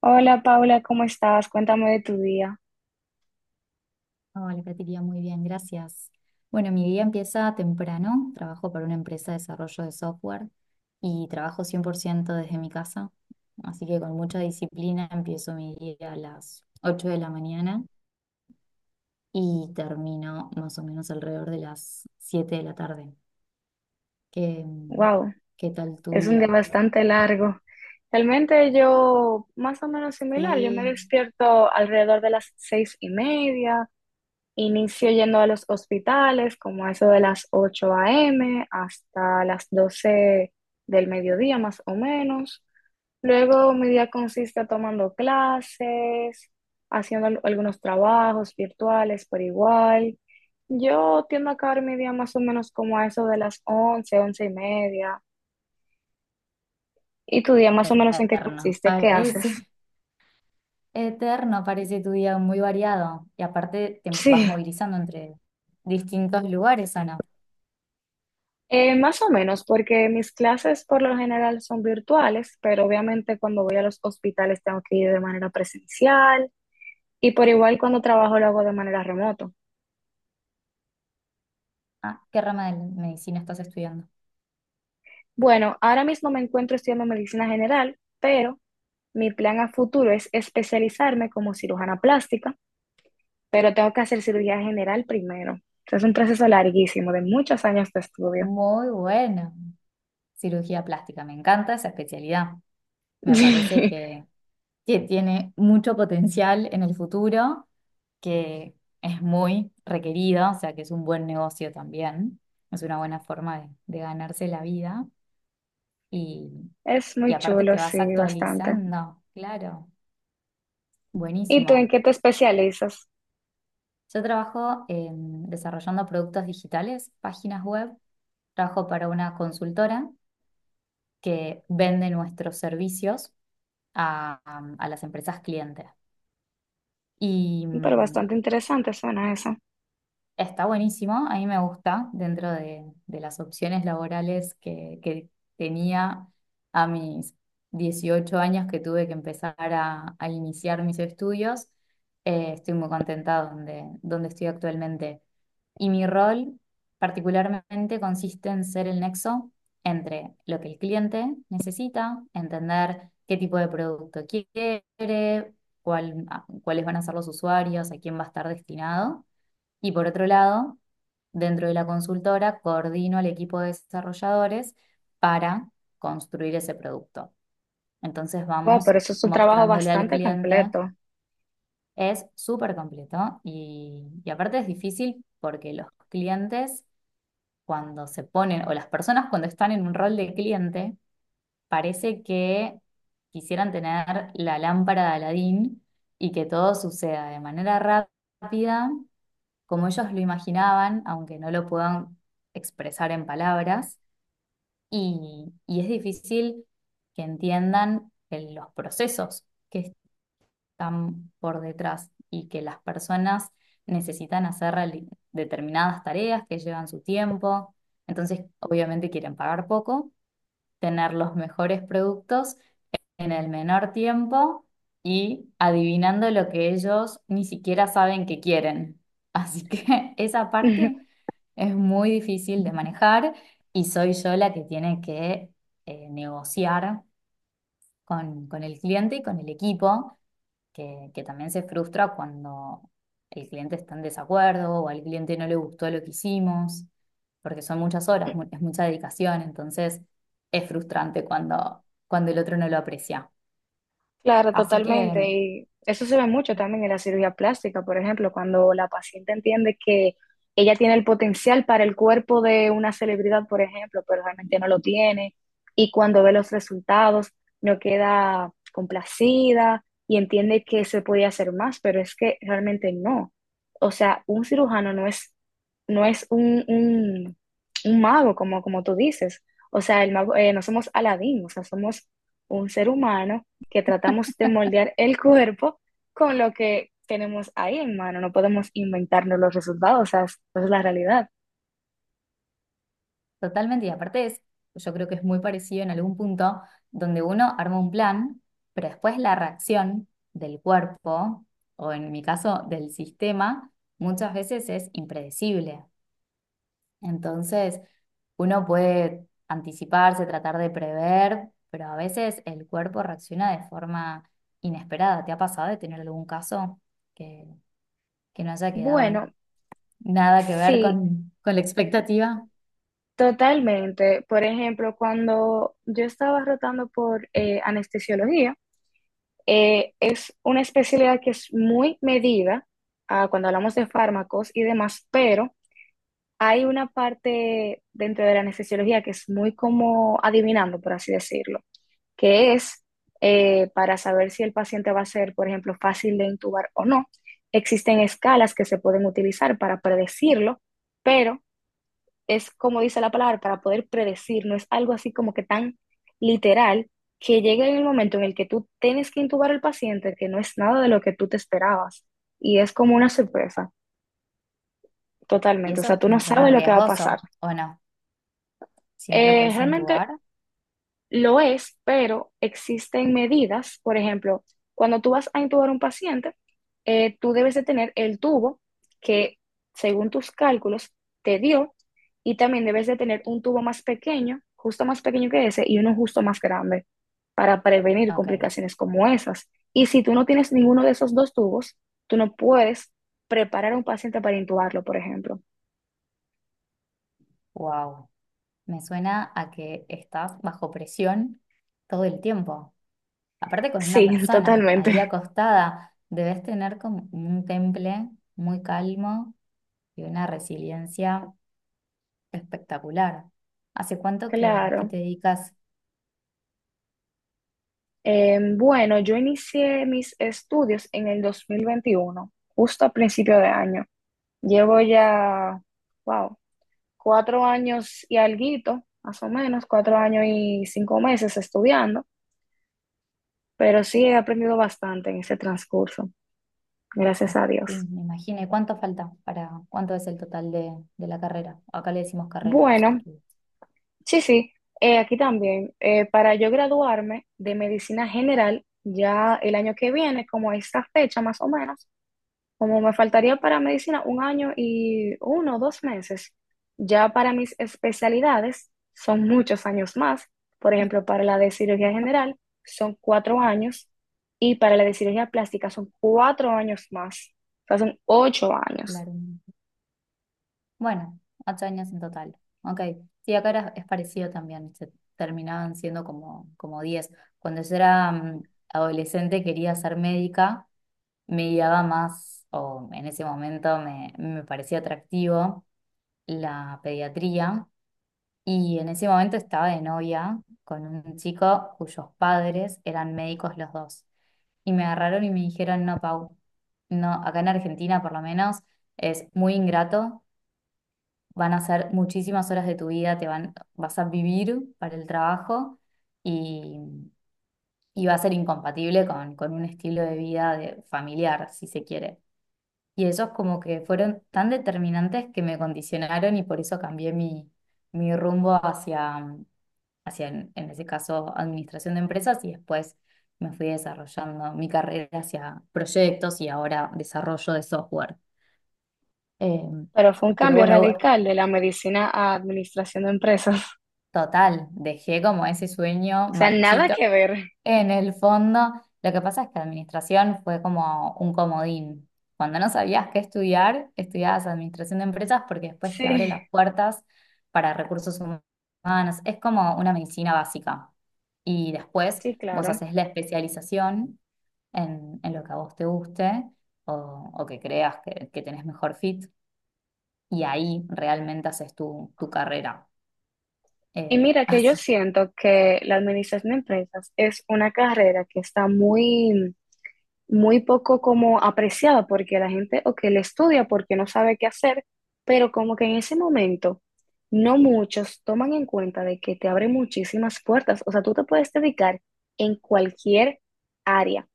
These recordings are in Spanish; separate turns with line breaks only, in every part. Hola Paula, ¿cómo estás? Cuéntame de tu día.
Hola, Catiria, muy bien, gracias. Bueno, mi día empieza temprano. Trabajo para una empresa de desarrollo de software y trabajo 100% desde mi casa. Así que con mucha disciplina empiezo mi día a las 8 de la mañana y termino más o menos alrededor de las 7 de la tarde. ¿Qué,
Wow,
qué tal tu
es un día
día?
bastante largo. Realmente yo, más o menos similar, yo me
Sí,
despierto alrededor de las 6:30, inicio yendo a los hospitales como a eso de las 8 a.m. hasta las 12 del mediodía más o menos. Luego mi día consiste tomando clases, haciendo algunos trabajos virtuales por igual. Yo tiendo a acabar mi día más o menos como a eso de las once y media. ¿Y tu día más o menos en qué
eterno,
consiste? ¿Qué haces?
parece. Eterno parece tu día muy variado y aparte te
Sí,
vas movilizando entre distintos lugares, ¿o no?
más o menos, porque mis clases por lo general son virtuales, pero obviamente cuando voy a los hospitales tengo que ir de manera presencial y por igual cuando trabajo lo hago de manera remoto.
Ah, ¿qué rama de medicina estás estudiando?
Bueno, ahora mismo me encuentro estudiando medicina general, pero mi plan a futuro es especializarme como cirujana plástica, pero tengo que hacer cirugía general primero. Es un proceso larguísimo, de muchos años de estudio.
Muy buena. Cirugía plástica, me encanta esa especialidad. Me parece que, que tiene mucho potencial en el futuro, que es muy requerida, o sea que es un buen negocio también. Es una buena forma de ganarse la vida y,
Es
y
muy
aparte
chulo,
te vas
sí, bastante.
actualizando, claro.
¿Y tú en
Buenísimo.
qué te especializas?
Yo trabajo desarrollando productos digitales, páginas web, trabajo para una consultora que vende nuestros servicios a, a las empresas clientes. Y
Pero
mm,
bastante interesante suena eso.
Está buenísimo, a mí me gusta dentro de las opciones laborales que tenía a mis 18 años que tuve que empezar a iniciar mis estudios. Estoy muy contenta donde estoy actualmente. Y mi rol particularmente consiste en ser el nexo entre lo que el cliente necesita, entender qué tipo de producto quiere, cuáles van a ser los usuarios, a quién va a estar destinado y por otro lado, dentro de la consultora, coordino al equipo de desarrolladores para construir ese producto. Entonces
Wow,
vamos
pero eso es un trabajo
mostrándole al
bastante
cliente,
completo.
es súper completo y aparte es difícil porque los clientes cuando se ponen, o las personas cuando están en un rol de cliente, parece que quisieran tener la lámpara de Aladín y que todo suceda de manera rápida como ellos lo imaginaban, aunque no lo puedan expresar en palabras, y es difícil que entiendan los procesos que están por detrás y que las personas necesitan hacer determinadas tareas que llevan su tiempo, entonces obviamente quieren pagar poco, tener los mejores productos en el menor tiempo y adivinando lo que ellos ni siquiera saben que quieren. Así que esa parte es muy difícil de manejar y soy yo la que tiene que negociar con el cliente y con el equipo, que también se frustra cuando el cliente está en desacuerdo o al cliente no le gustó lo que hicimos, porque son muchas horas, es mucha dedicación, entonces es frustrante cuando el otro no lo aprecia.
Claro,
Así
totalmente.
que
Y eso se ve mucho también en la cirugía plástica, por ejemplo, cuando la paciente entiende que ella tiene el potencial para el cuerpo de una celebridad, por ejemplo, pero realmente no lo tiene, y cuando ve los resultados no queda complacida y entiende que se podía hacer más, pero es que realmente no. O sea, un cirujano no es un mago, como, como tú dices. O sea, el mago, no somos Aladín, o sea, somos un ser humano que tratamos de moldear el cuerpo con lo que tenemos ahí en mano. No podemos inventarnos los resultados, o sea, es la realidad.
totalmente, y aparte es, yo creo que es muy parecido en algún punto donde uno arma un plan, pero después la reacción del cuerpo, o en mi caso del sistema, muchas veces es impredecible. Entonces, uno puede anticiparse, tratar de prever, pero a veces el cuerpo reacciona de forma inesperada. ¿Te ha pasado de tener algún caso que, que no haya quedado
Bueno,
nada que ver
sí,
con la expectativa?
totalmente. Por ejemplo, cuando yo estaba rotando por anestesiología, es una especialidad que es muy medida ah, cuando hablamos de fármacos y demás, pero hay una parte dentro de la anestesiología que es muy como adivinando, por así decirlo. Que es para saber si el paciente va a ser, por ejemplo, fácil de intubar o no. Existen escalas que se pueden utilizar para predecirlo, pero es como dice la palabra, para poder predecir, no es algo así como que tan literal, que llegue en el momento en el que tú tienes que intubar al paciente, que no es nada de lo que tú te esperabas. Y es como una sorpresa,
Y
totalmente. O sea,
eso
tú no
me suena
sabes lo que va a pasar.
riesgoso, ¿o no? Si no lo puedes
Realmente
entubar.
lo es, pero existen medidas, por ejemplo, cuando tú vas a intubar a un paciente, tú debes de tener el tubo que, según tus cálculos, te dio, y también debes de tener un tubo más pequeño, justo más pequeño que ese, y uno justo más grande para prevenir
Ok,
complicaciones como esas. Y si tú no tienes ninguno de esos dos tubos, tú no puedes preparar a un paciente para intubarlo, por ejemplo.
wow. Me suena a que estás bajo presión todo el tiempo. Aparte con
Sí,
una persona ahí
totalmente.
acostada, debes tener como un temple muy calmo y una resiliencia espectacular. ¿Hace cuánto que
Claro.
te dedicas?
Bueno, yo inicié mis estudios en el 2021, justo a principio de año. Llevo ya, wow, 4 años y alguito, más o menos, 4 años y 5 meses estudiando, pero sí he aprendido bastante en ese transcurso, gracias a Dios.
Sí, me imagino. ¿Y cuánto falta cuánto es el total de la carrera? Acá le decimos carrera a los
Bueno,
estudios.
sí, aquí también, para yo graduarme de medicina general, ya el año que viene, como a esta fecha más o menos, como me faltaría para medicina 1 año y 1 o 2 meses, ya para mis especialidades son muchos años más. Por ejemplo, para la de cirugía general son 4 años, y para la de cirugía plástica son 4 años más. O sea, son 8 años.
Claro. Bueno, 8 años en total. Ok. Sí, acá es parecido también. Se terminaban siendo como, diez. Cuando yo era adolescente quería ser médica, me guiaba más, o en ese momento me parecía atractivo la pediatría. Y en ese momento estaba de novia con un chico cuyos padres eran médicos los dos. Y me agarraron y me dijeron, no, Pau, no, acá en Argentina por lo menos es muy ingrato, van a ser muchísimas horas de tu vida, vas a vivir para el trabajo y, y va a ser incompatible con un estilo de vida familiar, si se quiere. Y esos como que fueron tan determinantes que me condicionaron y por eso cambié mi rumbo hacia, en ese caso, administración de empresas y después me fui desarrollando mi carrera hacia proyectos y ahora desarrollo de software. Em,
Pero fue un
pero
cambio
bueno,
radical de la medicina a administración de empresas.
total, dejé como ese sueño
O sea, nada
marchito
que ver.
en el fondo. Lo que pasa es que administración fue como un comodín. Cuando no sabías qué estudiar, estudiabas administración de empresas porque después te abre
Sí,
las puertas para recursos humanos. Es como una medicina básica. Y después
sí,
vos
claro.
haces la especialización en lo que a vos te guste o que creas que tenés mejor fit. Y ahí realmente haces tu carrera.
Y mira que yo
Así.
siento que la administración de empresas es una carrera que está muy muy poco como apreciada porque la gente o que le estudia porque no sabe qué hacer, pero como que en ese momento no muchos toman en cuenta de que te abre muchísimas puertas. O sea, tú te puedes dedicar en cualquier área.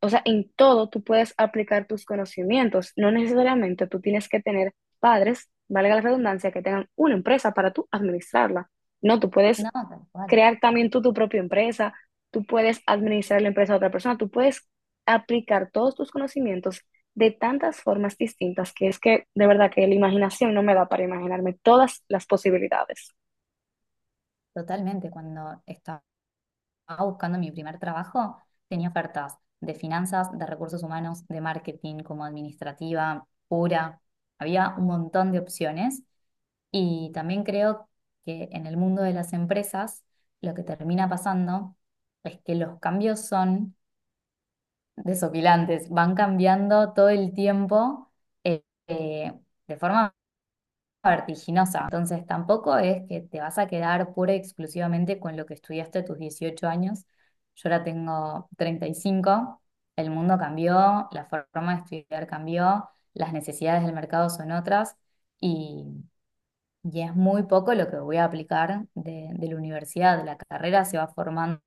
O sea, en todo tú puedes aplicar tus conocimientos. No necesariamente tú tienes que tener padres, valga la redundancia, que tengan una empresa para tú administrarla. No, tú puedes
No, tal cual.
crear también tú tu propia empresa, tú puedes administrar la empresa a otra persona, tú puedes aplicar todos tus conocimientos de tantas formas distintas que es que de verdad que la imaginación no me da para imaginarme todas las posibilidades.
Totalmente, cuando estaba buscando mi primer trabajo, tenía ofertas de finanzas, de recursos humanos, de marketing, como administrativa, pura. Había un montón de opciones y también creo que en el mundo de las empresas lo que termina pasando es que los cambios son desopilantes, van cambiando todo el tiempo, eh, eh, de forma vertiginosa. Entonces tampoco es que te vas a quedar pura y exclusivamente con lo que estudiaste a tus 18 años. Yo ahora tengo 35. El mundo cambió, la forma de estudiar cambió, las necesidades del mercado son otras y, y es muy poco lo que voy a aplicar de la universidad. La carrera se va formando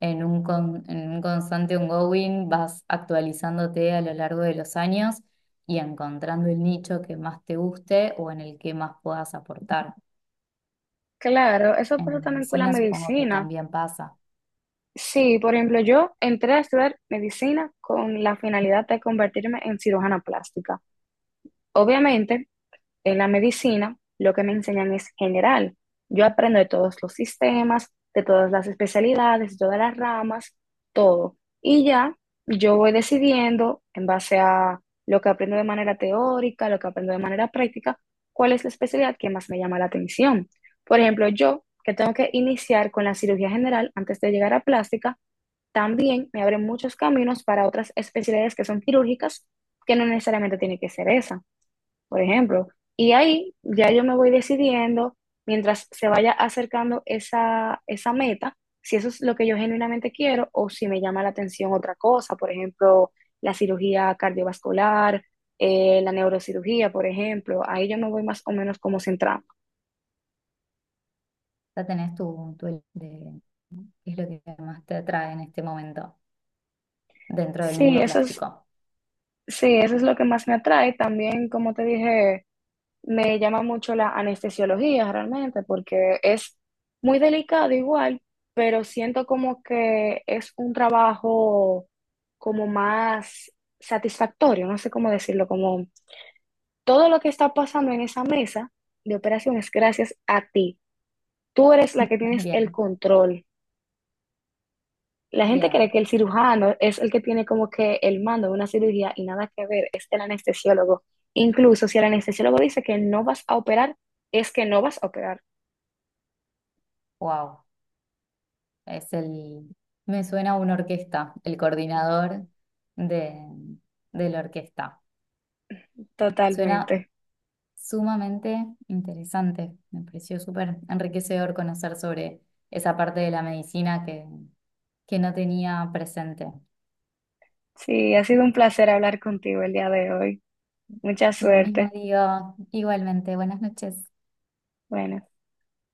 en un constante ongoing, vas actualizándote a lo largo de los años y encontrando el nicho que más te guste o en el que más puedas aportar.
Claro, eso pasa
En
también con la
medicina supongo que
medicina.
también pasa.
Sí, por ejemplo, yo entré a estudiar medicina con la finalidad de convertirme en cirujana plástica. Obviamente, en la medicina, lo que me enseñan es general. Yo aprendo de todos los sistemas, de todas las especialidades, de todas las ramas, todo. Y ya yo voy decidiendo en base a lo que aprendo de manera teórica, lo que aprendo de manera práctica, cuál es la especialidad que más me llama la atención. Por ejemplo, yo que tengo que iniciar con la cirugía general antes de llegar a plástica, también me abre muchos caminos para otras especialidades que son quirúrgicas, que no necesariamente tiene que ser esa, por ejemplo. Y ahí ya yo me voy decidiendo, mientras se vaya acercando esa meta, si eso es lo que yo genuinamente quiero o si me llama la atención otra cosa, por ejemplo, la cirugía cardiovascular, la neurocirugía, por ejemplo. Ahí yo me voy más o menos como centrando.
Ya tenés de qué es lo que más te atrae en este momento dentro del
Sí,
mundo plástico.
sí, eso es lo que más me atrae. También, como te dije, me llama mucho la anestesiología realmente, porque es muy delicado igual, pero siento como que es un trabajo como más satisfactorio, no sé cómo decirlo, como todo lo que está pasando en esa mesa de operaciones gracias a ti. Tú eres la que tienes el
Bien,
control. La gente cree
bien.
que el cirujano es el que tiene como que el mando de una cirugía y nada que ver, es el anestesiólogo. Incluso si el anestesiólogo dice que no vas a operar, es que no vas a operar.
Wow. Es el, Me suena a una orquesta, el coordinador de, de la orquesta. Suena
Totalmente.
Sumamente interesante. Me pareció súper enriquecedor conocer sobre esa parte de la medicina que no tenía presente.
Sí, ha sido un placer hablar contigo el día de hoy. Mucha
Lo mismo
suerte.
digo, igualmente, buenas noches.
Bueno.